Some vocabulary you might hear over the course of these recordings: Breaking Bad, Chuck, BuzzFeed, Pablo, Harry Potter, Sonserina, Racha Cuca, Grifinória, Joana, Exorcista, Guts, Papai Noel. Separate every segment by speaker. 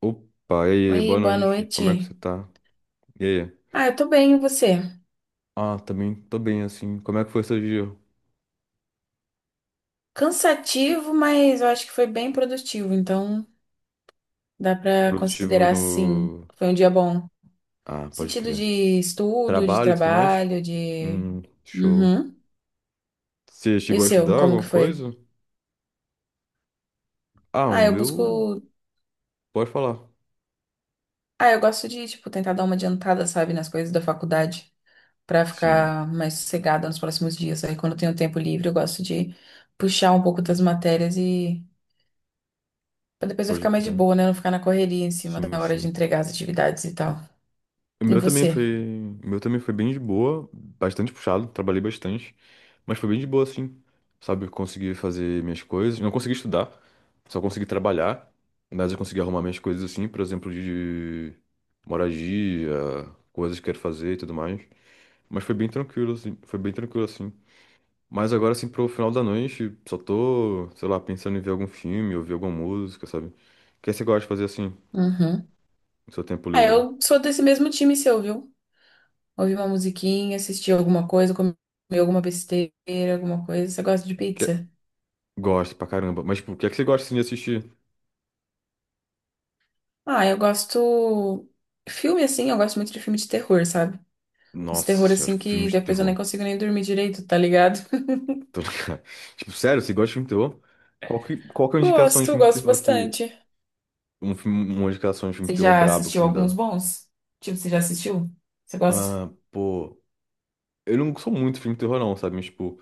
Speaker 1: Opa, e aí,
Speaker 2: Oi,
Speaker 1: boa
Speaker 2: boa
Speaker 1: noite, como é que você
Speaker 2: noite.
Speaker 1: tá? E aí?
Speaker 2: Ah, eu tô bem, e você?
Speaker 1: Ah, também tô bem, assim. Como é que foi seu dia?
Speaker 2: Cansativo, mas eu acho que foi bem produtivo, então dá pra
Speaker 1: Produtivo
Speaker 2: considerar sim.
Speaker 1: no.
Speaker 2: Foi um dia bom. No
Speaker 1: Ah, pode
Speaker 2: sentido
Speaker 1: crer.
Speaker 2: de estudo, de
Speaker 1: Trabalho e tudo mais?
Speaker 2: trabalho, de.
Speaker 1: Show.
Speaker 2: Uhum.
Speaker 1: Você
Speaker 2: E o
Speaker 1: chegou a
Speaker 2: seu,
Speaker 1: estudar
Speaker 2: como
Speaker 1: alguma
Speaker 2: que foi?
Speaker 1: coisa? Ah, o
Speaker 2: Ah, eu
Speaker 1: meu.
Speaker 2: busco.
Speaker 1: Pode falar.
Speaker 2: Ah, eu gosto de, tipo, tentar dar uma adiantada, sabe, nas coisas da faculdade, pra
Speaker 1: Sim,
Speaker 2: ficar mais sossegada nos próximos dias. Aí, quando eu tenho tempo livre, eu gosto de puxar um pouco das matérias e pra depois eu
Speaker 1: pode
Speaker 2: ficar mais de
Speaker 1: crer.
Speaker 2: boa, né? Não ficar na correria em cima
Speaker 1: Sim,
Speaker 2: da hora de
Speaker 1: sim.
Speaker 2: entregar as atividades e tal.
Speaker 1: O
Speaker 2: E
Speaker 1: meu também
Speaker 2: você?
Speaker 1: foi. O meu também foi bem de boa, bastante puxado, trabalhei bastante. Mas foi bem de boa, assim. Sabe, eu consegui fazer minhas coisas. Não consegui estudar, só consegui trabalhar. Mas eu consegui arrumar minhas coisas, assim, por exemplo, de moradia, coisas que quero fazer e tudo mais. Mas foi bem tranquilo, assim. Foi bem tranquilo, assim. Mas agora, assim, pro final da noite, só tô, sei lá, pensando em ver algum filme, ouvir alguma música, sabe? O que é que você gosta de fazer, assim,
Speaker 2: Uhum.
Speaker 1: no seu tempo
Speaker 2: Ah,
Speaker 1: livre?
Speaker 2: eu sou desse mesmo time seu, viu? Ouvir uma musiquinha, assistir alguma coisa, comer alguma besteira, alguma coisa. Você gosta de
Speaker 1: Que...
Speaker 2: pizza?
Speaker 1: Gosto pra caramba. Mas, tipo, o que é que você gosta, assim, de assistir?
Speaker 2: Ah, eu gosto. Filme assim, eu gosto muito de filme de terror, sabe? Os
Speaker 1: Nossa
Speaker 2: terror
Speaker 1: senhora,
Speaker 2: assim que
Speaker 1: filmes de
Speaker 2: depois eu nem
Speaker 1: terror.
Speaker 2: consigo nem dormir direito, tá ligado?
Speaker 1: Tô ligado. Tipo, sério, você gosta de filme de terror? Qual que é a indicação de
Speaker 2: Gosto,
Speaker 1: filme de
Speaker 2: gosto
Speaker 1: terror que.
Speaker 2: bastante.
Speaker 1: Um filme, uma indicação de filme de
Speaker 2: Você
Speaker 1: terror
Speaker 2: já
Speaker 1: brabo que
Speaker 2: assistiu
Speaker 1: você me
Speaker 2: alguns
Speaker 1: dá?
Speaker 2: bons? Tipo, você já assistiu? Você gosta?
Speaker 1: Ah, pô. Eu não sou muito de filme de terror, não, sabe? Mas, tipo,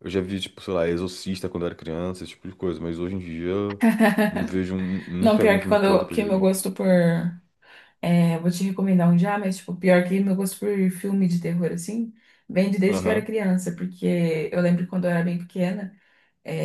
Speaker 1: eu já vi, tipo, sei lá, Exorcista quando eu era criança, esse tipo de coisa. Mas hoje em dia, eu não vejo um,
Speaker 2: Não,
Speaker 1: nunca vi
Speaker 2: pior
Speaker 1: um
Speaker 2: que
Speaker 1: filme de
Speaker 2: quando
Speaker 1: terror
Speaker 2: eu,
Speaker 1: depois de
Speaker 2: que meu
Speaker 1: grande.
Speaker 2: gosto por. É, vou te recomendar um já, mas, tipo, pior que meu gosto por filme de terror, assim, vem de desde que eu era
Speaker 1: Aham,
Speaker 2: criança, porque eu lembro quando eu era bem pequena,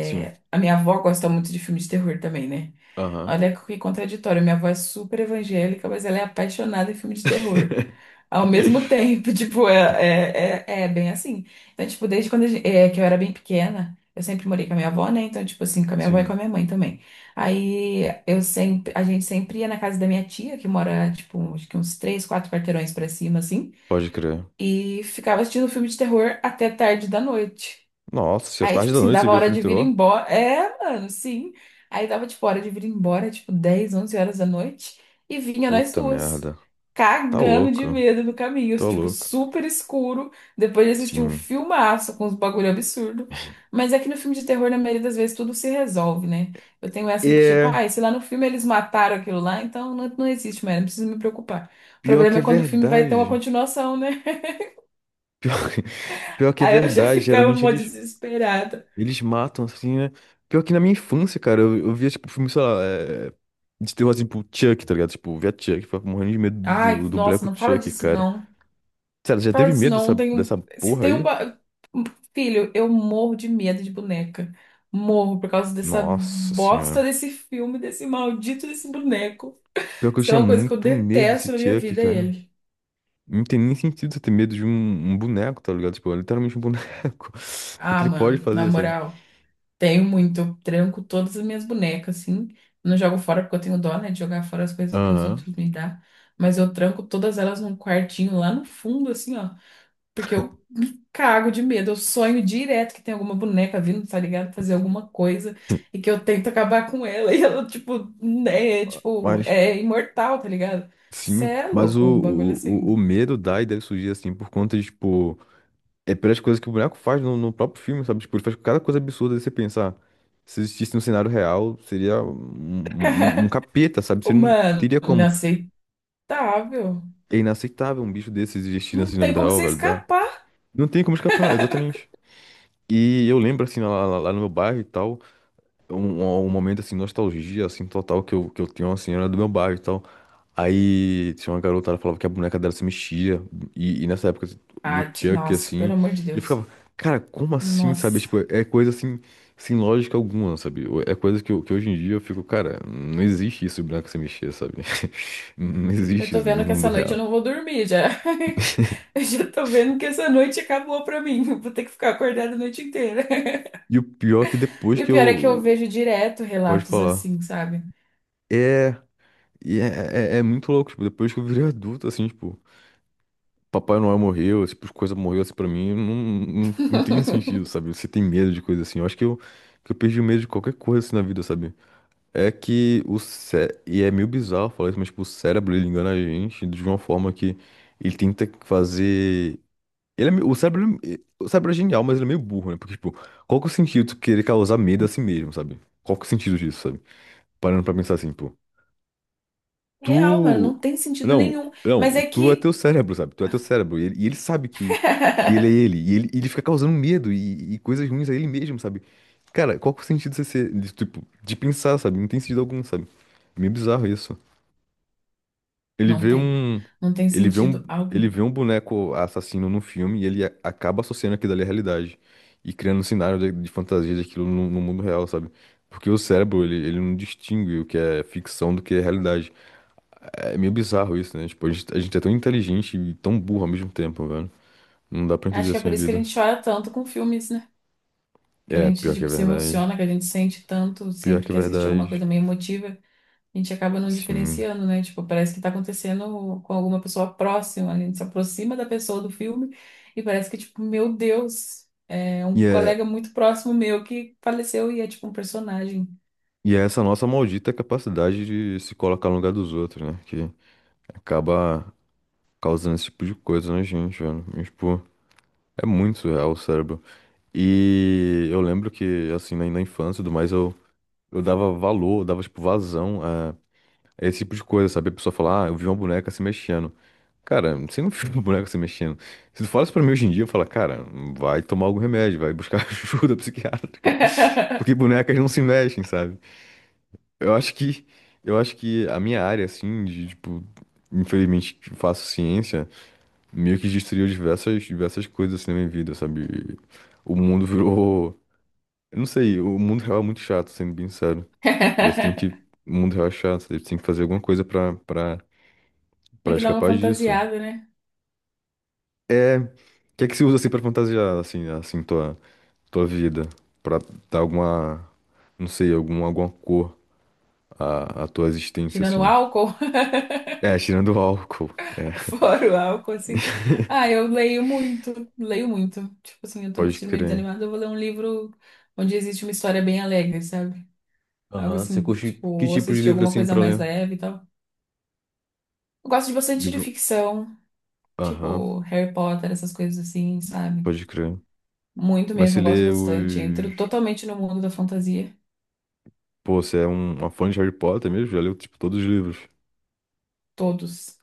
Speaker 1: sim.
Speaker 2: a minha avó gosta muito de filme de terror também, né?
Speaker 1: Aham.
Speaker 2: Olha que contraditório, minha avó é super evangélica, mas ela é apaixonada em filme de terror. Ao mesmo tempo, tipo, é bem assim. Então, tipo, desde quando que eu era bem pequena, eu sempre morei com a minha avó, né? Então, tipo assim, com a minha avó e com a
Speaker 1: Sim,
Speaker 2: minha mãe também. Aí a gente sempre ia na casa da minha tia, que mora, tipo, acho que uns três, quatro quarteirões pra cima, assim,
Speaker 1: pode crer.
Speaker 2: e ficava assistindo filme de terror até tarde da noite.
Speaker 1: Nossa, senhora,
Speaker 2: Aí,
Speaker 1: tarde
Speaker 2: tipo
Speaker 1: da
Speaker 2: assim,
Speaker 1: noite você
Speaker 2: dava
Speaker 1: vê
Speaker 2: hora
Speaker 1: filme
Speaker 2: de
Speaker 1: de
Speaker 2: vir
Speaker 1: terror?
Speaker 2: embora. É, mano, sim. Aí dava, tipo, hora de vir embora, tipo, 10, 11 horas da noite. E vinha nós
Speaker 1: Puta
Speaker 2: duas,
Speaker 1: merda. Tá
Speaker 2: cagando de
Speaker 1: louco,
Speaker 2: medo no caminho,
Speaker 1: tá
Speaker 2: tipo,
Speaker 1: louco.
Speaker 2: super escuro. Depois de assistir um
Speaker 1: Sim.
Speaker 2: filmaço com uns bagulho absurdo. Mas é que no filme de terror, na maioria das vezes, tudo se resolve, né? Eu tenho essa de que, tipo, ah,
Speaker 1: É.
Speaker 2: e se lá no filme eles mataram aquilo lá, então não, não existe mais, não preciso me preocupar. O
Speaker 1: Pior
Speaker 2: problema
Speaker 1: que
Speaker 2: é
Speaker 1: é
Speaker 2: quando o filme vai ter uma
Speaker 1: verdade.
Speaker 2: continuação, né?
Speaker 1: Pior, que- pior que é
Speaker 2: Aí eu já
Speaker 1: verdade.
Speaker 2: ficava
Speaker 1: Geralmente
Speaker 2: mó
Speaker 1: eles,
Speaker 2: desesperada.
Speaker 1: eles matam, assim, né? Pior que na minha infância, cara, eu via, tipo, filme, sei lá, de terror, assim, tipo, Chuck, tá ligado? Tipo, via Chuck, ficava morrendo de medo do,
Speaker 2: Ai,
Speaker 1: do, do
Speaker 2: nossa,
Speaker 1: boneco
Speaker 2: não fala
Speaker 1: Chuck,
Speaker 2: disso
Speaker 1: cara.
Speaker 2: não.
Speaker 1: Sério, já
Speaker 2: Fala
Speaker 1: teve
Speaker 2: disso
Speaker 1: medo
Speaker 2: não.
Speaker 1: dessa,
Speaker 2: Tenho...
Speaker 1: dessa
Speaker 2: Se
Speaker 1: porra
Speaker 2: tem um.
Speaker 1: aí?
Speaker 2: Filho, eu morro de medo de boneca. Morro por causa dessa
Speaker 1: Nossa senhora.
Speaker 2: bosta desse filme, desse maldito desse boneco.
Speaker 1: Pior que eu
Speaker 2: Isso é
Speaker 1: tinha
Speaker 2: uma coisa que eu
Speaker 1: muito medo desse
Speaker 2: detesto na minha
Speaker 1: Chuck,
Speaker 2: vida, é
Speaker 1: cara.
Speaker 2: ele.
Speaker 1: Não tem nem sentido você ter medo de um, um boneco, tá ligado? Tipo, é literalmente um boneco. O que que
Speaker 2: Ah,
Speaker 1: ele pode
Speaker 2: mano, na
Speaker 1: fazer, sabe?
Speaker 2: moral, tenho muito. Eu tranco todas as minhas bonecas, assim. Não jogo fora porque eu tenho dó, né, de jogar fora as coisas que os outros
Speaker 1: Aham.
Speaker 2: me dão. Mas eu tranco todas elas num quartinho lá no fundo, assim, ó. Porque eu me cago de medo. Eu sonho direto que tem alguma boneca vindo, tá ligado? Fazer alguma coisa e que eu tento acabar com ela. E ela, tipo, né? Tipo,
Speaker 1: Mas.
Speaker 2: é imortal, tá ligado? Cê
Speaker 1: Sim,
Speaker 2: é
Speaker 1: mas o,
Speaker 2: louco, um bagulho assim.
Speaker 1: o, o o medo dá e deve surgir assim por conta de, tipo, é pelas coisas que o boneco faz no, no próprio filme, sabe? Tipo, ele faz cada coisa absurda de você pensar. Se existisse no cenário real, seria um capeta, sabe?
Speaker 2: Ô,
Speaker 1: Você não
Speaker 2: mano,
Speaker 1: teria como.
Speaker 2: inaceitável.
Speaker 1: É inaceitável um bicho desse existir
Speaker 2: Não
Speaker 1: assim na
Speaker 2: tem
Speaker 1: vida
Speaker 2: como
Speaker 1: real,
Speaker 2: você
Speaker 1: velho. Dá.
Speaker 2: escapar.
Speaker 1: Não tem como escapar, exatamente. E eu lembro, assim, lá no meu bairro e tal. Um momento assim, nostalgia, assim, total, que eu tinha, uma senhora do meu bairro e tal. Aí tinha uma garota, ela falava que a boneca dela se mexia. E nessa época do
Speaker 2: Ah,
Speaker 1: Chuck,
Speaker 2: nossa,
Speaker 1: assim,
Speaker 2: pelo amor de
Speaker 1: eu
Speaker 2: Deus.
Speaker 1: ficava, cara, como assim, sabe?
Speaker 2: Nossa.
Speaker 1: Tipo, é coisa assim, sem lógica alguma, sabe? É coisa que, eu- que hoje em dia eu fico, cara, não existe isso, boneca se mexer, sabe? Não
Speaker 2: Eu
Speaker 1: existe
Speaker 2: tô
Speaker 1: isso
Speaker 2: vendo
Speaker 1: no
Speaker 2: que essa
Speaker 1: mundo
Speaker 2: noite eu
Speaker 1: real.
Speaker 2: não vou dormir já. Eu já tô vendo que essa noite acabou pra mim. Vou ter que ficar acordada a noite inteira.
Speaker 1: E o pior é que depois
Speaker 2: E o
Speaker 1: que
Speaker 2: pior é que eu
Speaker 1: eu.
Speaker 2: vejo direto
Speaker 1: Pode
Speaker 2: relatos
Speaker 1: falar.
Speaker 2: assim, sabe?
Speaker 1: É. É muito louco, tipo, depois que eu virei adulto, assim, tipo. Papai Noel morreu, esse tipo, de coisa morreu assim pra mim, não tem sentido, sabe? Você tem medo de coisa assim. Eu acho que eu perdi o medo de qualquer coisa assim na vida, sabe? E é meio bizarro falar isso, mas tipo, o cérebro, ele engana a gente de uma forma que ele tenta fazer... O cérebro, o cérebro é genial, mas ele é meio burro, né? Porque, tipo, qual que é o sentido de tu querer causar medo a si mesmo, sabe? Qual que é o sentido disso, sabe? Parando pra pensar assim, pô.
Speaker 2: Real, mano,
Speaker 1: Tu.
Speaker 2: não tem sentido
Speaker 1: Não,
Speaker 2: nenhum. Mas
Speaker 1: não,
Speaker 2: é
Speaker 1: tu é
Speaker 2: que
Speaker 1: teu cérebro, sabe? Tu é teu cérebro. E ele sabe que ele é ele. E ele, ele fica causando medo e coisas ruins a ele mesmo, sabe? Cara, qual que é o sentido de ser, de, tipo, de pensar, sabe? Não tem sentido algum, sabe? É meio bizarro isso. Ele
Speaker 2: não
Speaker 1: vê
Speaker 2: tem.
Speaker 1: um.
Speaker 2: Não tem
Speaker 1: Ele vê um.
Speaker 2: sentido
Speaker 1: Ele
Speaker 2: algum.
Speaker 1: vê um boneco assassino no filme e ele acaba associando aquilo ali à realidade. E criando um cenário de fantasia daquilo no, no mundo real, sabe? Porque o cérebro, ele não distingue o que é ficção do que é realidade. É meio bizarro isso, né? Tipo, a gente é tão inteligente e tão burro ao mesmo tempo, velho. Não dá pra entender
Speaker 2: Acho que é
Speaker 1: assim a
Speaker 2: por isso que a
Speaker 1: vida.
Speaker 2: gente chora tanto com filmes, né? Que a
Speaker 1: É,
Speaker 2: gente,
Speaker 1: pior que é
Speaker 2: tipo, se
Speaker 1: verdade.
Speaker 2: emociona, que a gente sente tanto
Speaker 1: Pior
Speaker 2: sempre
Speaker 1: que é
Speaker 2: que assiste alguma
Speaker 1: verdade.
Speaker 2: coisa meio emotiva, a gente acaba não
Speaker 1: Sim.
Speaker 2: diferenciando, né? Tipo, parece que tá acontecendo com alguma pessoa próxima, a gente se aproxima da pessoa do filme e parece que, tipo, meu Deus, é um
Speaker 1: E é,
Speaker 2: colega muito próximo meu que faleceu e é tipo um personagem.
Speaker 1: e é essa nossa maldita capacidade de se colocar no lugar dos outros, né? Que acaba causando esse tipo de coisa na gente, velho. E, tipo, é muito surreal o cérebro. E eu lembro que, assim, na, na infância e tudo mais, eu dava valor, eu dava, tipo, vazão. É esse tipo de coisa, sabe? A pessoa fala, ah, eu vi uma boneca se mexendo. Cara, você não viu uma boneca se mexendo. Se tu fala isso pra mim hoje em dia, eu falo, cara, vai tomar algum remédio, vai buscar ajuda psiquiátrica. Porque bonecas não se mexem, sabe? Eu acho que, eu acho que a minha área, assim, de, tipo, infelizmente que faço ciência, meio que destruiu diversas, diversas coisas assim na minha vida, sabe? O mundo virou. Eu não sei, o mundo real é muito chato, sendo bem sério. Daí você tem que. O mundo real é chato, daí você tem que fazer alguma coisa pra
Speaker 2: Tem
Speaker 1: pra
Speaker 2: que dar uma
Speaker 1: escapar disso.
Speaker 2: fantasiada, né?
Speaker 1: É. O que é que se usa assim pra fantasiar, assim, assim, tua, tua vida? Pra dar alguma. Não sei, alguma cor à, à tua existência,
Speaker 2: Tirando o
Speaker 1: assim.
Speaker 2: álcool,
Speaker 1: É, tirando o álcool. É,
Speaker 2: fora o álcool, assim. Ah, eu leio muito, leio muito. Tipo assim, eu tô me
Speaker 1: pode
Speaker 2: sentindo meio
Speaker 1: crer.
Speaker 2: desanimada, eu vou ler um livro onde existe uma história bem alegre, sabe? Algo
Speaker 1: Aham. Você
Speaker 2: assim,
Speaker 1: curte
Speaker 2: tipo,
Speaker 1: que
Speaker 2: ou
Speaker 1: tipo de
Speaker 2: assistir
Speaker 1: livro
Speaker 2: alguma
Speaker 1: assim
Speaker 2: coisa
Speaker 1: pra
Speaker 2: mais
Speaker 1: ler?
Speaker 2: leve e tal. Eu gosto de bastante de
Speaker 1: Livro.
Speaker 2: ficção,
Speaker 1: Aham,
Speaker 2: tipo Harry Potter, essas coisas assim, sabe?
Speaker 1: pode crer.
Speaker 2: Muito
Speaker 1: Mas você
Speaker 2: mesmo, gosto
Speaker 1: lê
Speaker 2: bastante.
Speaker 1: os.
Speaker 2: Entro totalmente no mundo da fantasia,
Speaker 1: Pô, você é um, uma fã de Harry Potter mesmo? Já leu, tipo, todos os livros.
Speaker 2: todos.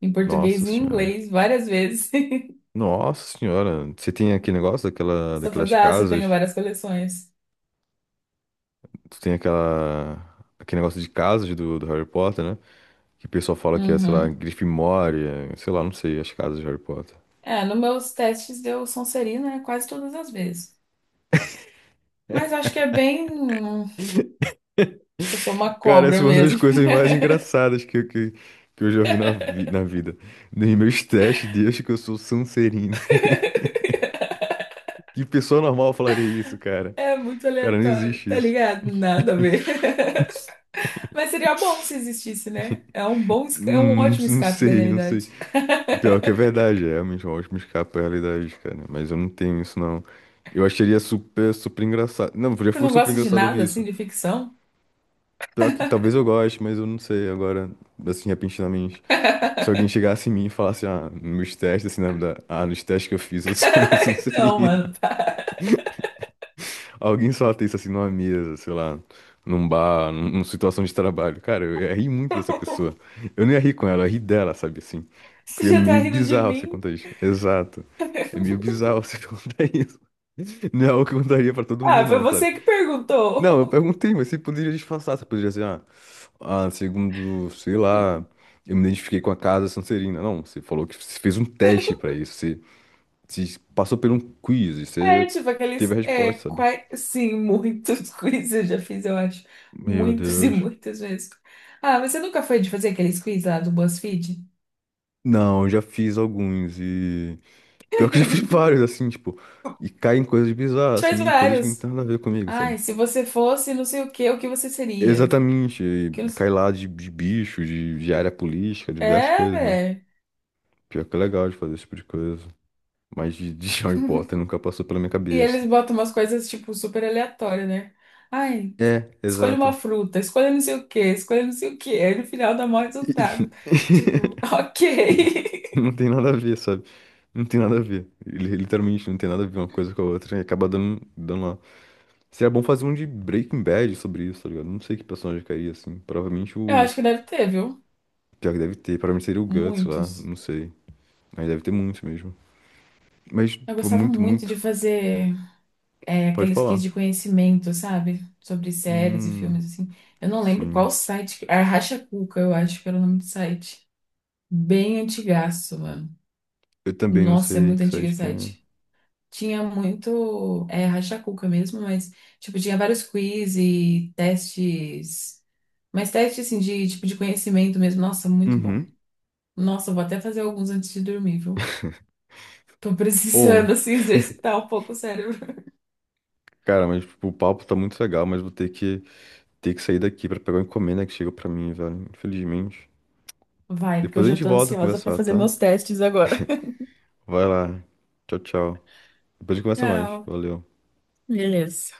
Speaker 2: Em português
Speaker 1: Nossa
Speaker 2: e em
Speaker 1: senhora.
Speaker 2: inglês, várias vezes.
Speaker 1: Nossa senhora. Você tem aquele negócio daquela,
Speaker 2: Só
Speaker 1: daquelas
Speaker 2: fazer, ah, você tem
Speaker 1: casas.
Speaker 2: várias coleções.
Speaker 1: Tu tem aquela. Aquele negócio de casas do Harry Potter, né? Que o pessoal fala que é, sei lá,
Speaker 2: Uhum.
Speaker 1: Grifinória, sei lá, não sei, as casas de Harry Potter.
Speaker 2: É, nos meus testes deu Sonserina, né, quase todas as vezes. Mas acho que é bem. Acho que eu sou uma
Speaker 1: Cara, essa
Speaker 2: cobra
Speaker 1: é uma das
Speaker 2: mesmo.
Speaker 1: coisas mais engraçadas que eu já vi na vida. Nos meus testes, desde que eu sou Sonserino. Que pessoa normal falaria isso, cara?
Speaker 2: É muito
Speaker 1: Cara, não
Speaker 2: aleatório,
Speaker 1: existe
Speaker 2: tá
Speaker 1: isso.
Speaker 2: ligado? Nada a ver. Mas seria bom se existisse, né? É um ótimo
Speaker 1: Não
Speaker 2: escape da
Speaker 1: sei, não sei.
Speaker 2: realidade.
Speaker 1: É pior que é verdade, é realmente uma ótima escapa à realidade, cara. Mas eu não tenho isso, não. Eu acharia super, super engraçado. Não, já
Speaker 2: Você
Speaker 1: foi
Speaker 2: não
Speaker 1: super
Speaker 2: gosta de
Speaker 1: engraçado
Speaker 2: nada
Speaker 1: ouvir
Speaker 2: assim,
Speaker 1: isso.
Speaker 2: de ficção?
Speaker 1: Pior que talvez eu goste, mas eu não sei agora, assim, repentinamente. Se alguém chegasse em mim e falasse, ah, nos testes, assim, né, ah, nos testes que eu fiz, eu sou da
Speaker 2: Não,
Speaker 1: Sonserina.
Speaker 2: mano. Tá.
Speaker 1: Alguém solta isso, assim, numa mesa, sei lá, num bar, numa situação de trabalho. Cara, eu ia rir muito dessa pessoa. Eu não ia rir com ela, eu ia rir dela, sabe, assim. Que
Speaker 2: Você
Speaker 1: é
Speaker 2: já tá
Speaker 1: meio
Speaker 2: rindo de
Speaker 1: bizarro você
Speaker 2: mim?
Speaker 1: contar isso. Exato. É meio bizarro você contar isso. Não é algo que eu contaria pra todo mundo,
Speaker 2: Ah, foi
Speaker 1: não, sabe?
Speaker 2: você que
Speaker 1: Não, eu
Speaker 2: perguntou.
Speaker 1: perguntei, mas você poderia disfarçar, você poderia dizer, ah. Ah, segundo, sei lá, eu me identifiquei com a casa Sonserina. Não, você falou que você fez um teste pra isso. Você, você passou por um quiz e
Speaker 2: É,
Speaker 1: você
Speaker 2: tipo,
Speaker 1: teve a
Speaker 2: aqueles.
Speaker 1: resposta, sabe?
Speaker 2: Sim, muitos quiz eu já fiz, eu acho.
Speaker 1: Meu
Speaker 2: Muitos e
Speaker 1: Deus.
Speaker 2: muitas vezes. Ah, você nunca foi de fazer aqueles quiz lá do BuzzFeed?
Speaker 1: Não, eu já fiz alguns e. Pior
Speaker 2: A
Speaker 1: que eu já fiz
Speaker 2: gente
Speaker 1: vários, assim, tipo. E cai em coisas bizarras,
Speaker 2: faz
Speaker 1: assim, coisas que não
Speaker 2: vários.
Speaker 1: tem nada a ver comigo,
Speaker 2: Ai,
Speaker 1: sabe?
Speaker 2: se você fosse não sei o que você seria?
Speaker 1: Exatamente. E
Speaker 2: Que não
Speaker 1: cai
Speaker 2: s-
Speaker 1: lá de bicho, de área política, diversas
Speaker 2: É,
Speaker 1: coisas, né?
Speaker 2: velho.
Speaker 1: Pior que é legal de fazer esse tipo de coisa. Mas de Harry Potter nunca passou pela minha
Speaker 2: E
Speaker 1: cabeça.
Speaker 2: eles botam umas coisas, tipo, super aleatórias, né? Ai,
Speaker 1: É,
Speaker 2: escolha uma
Speaker 1: exato.
Speaker 2: fruta, escolha não sei o que, escolha não sei o que. Aí no final dá maior resultado. Tipo, ok.
Speaker 1: Não tem nada a ver, sabe? Não tem nada a ver. Literalmente não tem nada a ver uma coisa com a outra e acaba dando, dando lá. Seria bom fazer um de Breaking Bad sobre isso, tá ligado? Não sei que personagem cairia assim. Provavelmente
Speaker 2: Eu
Speaker 1: o.
Speaker 2: acho que deve ter, viu?
Speaker 1: Pior que deve ter. Provavelmente seria o Guts lá.
Speaker 2: Muitos.
Speaker 1: Não sei. Mas deve ter muitos mesmo. Mas,
Speaker 2: Eu
Speaker 1: pô,
Speaker 2: gostava
Speaker 1: muito,
Speaker 2: muito de
Speaker 1: muito.
Speaker 2: fazer
Speaker 1: Pode
Speaker 2: aqueles quiz
Speaker 1: falar.
Speaker 2: de conhecimento, sabe? Sobre séries e
Speaker 1: Hum,
Speaker 2: filmes, assim. Eu não lembro
Speaker 1: sim.
Speaker 2: qual site. Era Cuca, eu acho que era o nome do site. Bem antigaço, mano.
Speaker 1: Eu também não
Speaker 2: Nossa, é
Speaker 1: sei
Speaker 2: muito
Speaker 1: que
Speaker 2: antigo
Speaker 1: site
Speaker 2: esse
Speaker 1: que é.
Speaker 2: site. Tinha muito. É Racha Cuca mesmo, mas, tipo, tinha vários quiz e testes. Mas testes, assim, de tipo de conhecimento mesmo. Nossa, muito bom.
Speaker 1: Uhum.
Speaker 2: Nossa, eu vou até fazer alguns antes de dormir, viu? Tô
Speaker 1: Ô,
Speaker 2: precisando, assim, exercitar um pouco o cérebro.
Speaker 1: cara, mas tipo, o papo tá muito legal, mas vou ter que sair daqui pra pegar uma encomenda que chegou pra mim, velho. Infelizmente.
Speaker 2: Vai, porque eu
Speaker 1: Depois a
Speaker 2: já
Speaker 1: gente
Speaker 2: tô
Speaker 1: volta a
Speaker 2: ansiosa pra
Speaker 1: conversar,
Speaker 2: fazer
Speaker 1: tá?
Speaker 2: meus testes agora.
Speaker 1: Vai lá. Tchau, tchau. Depois a gente conversa mais.
Speaker 2: Tchau.
Speaker 1: Valeu.
Speaker 2: Beleza.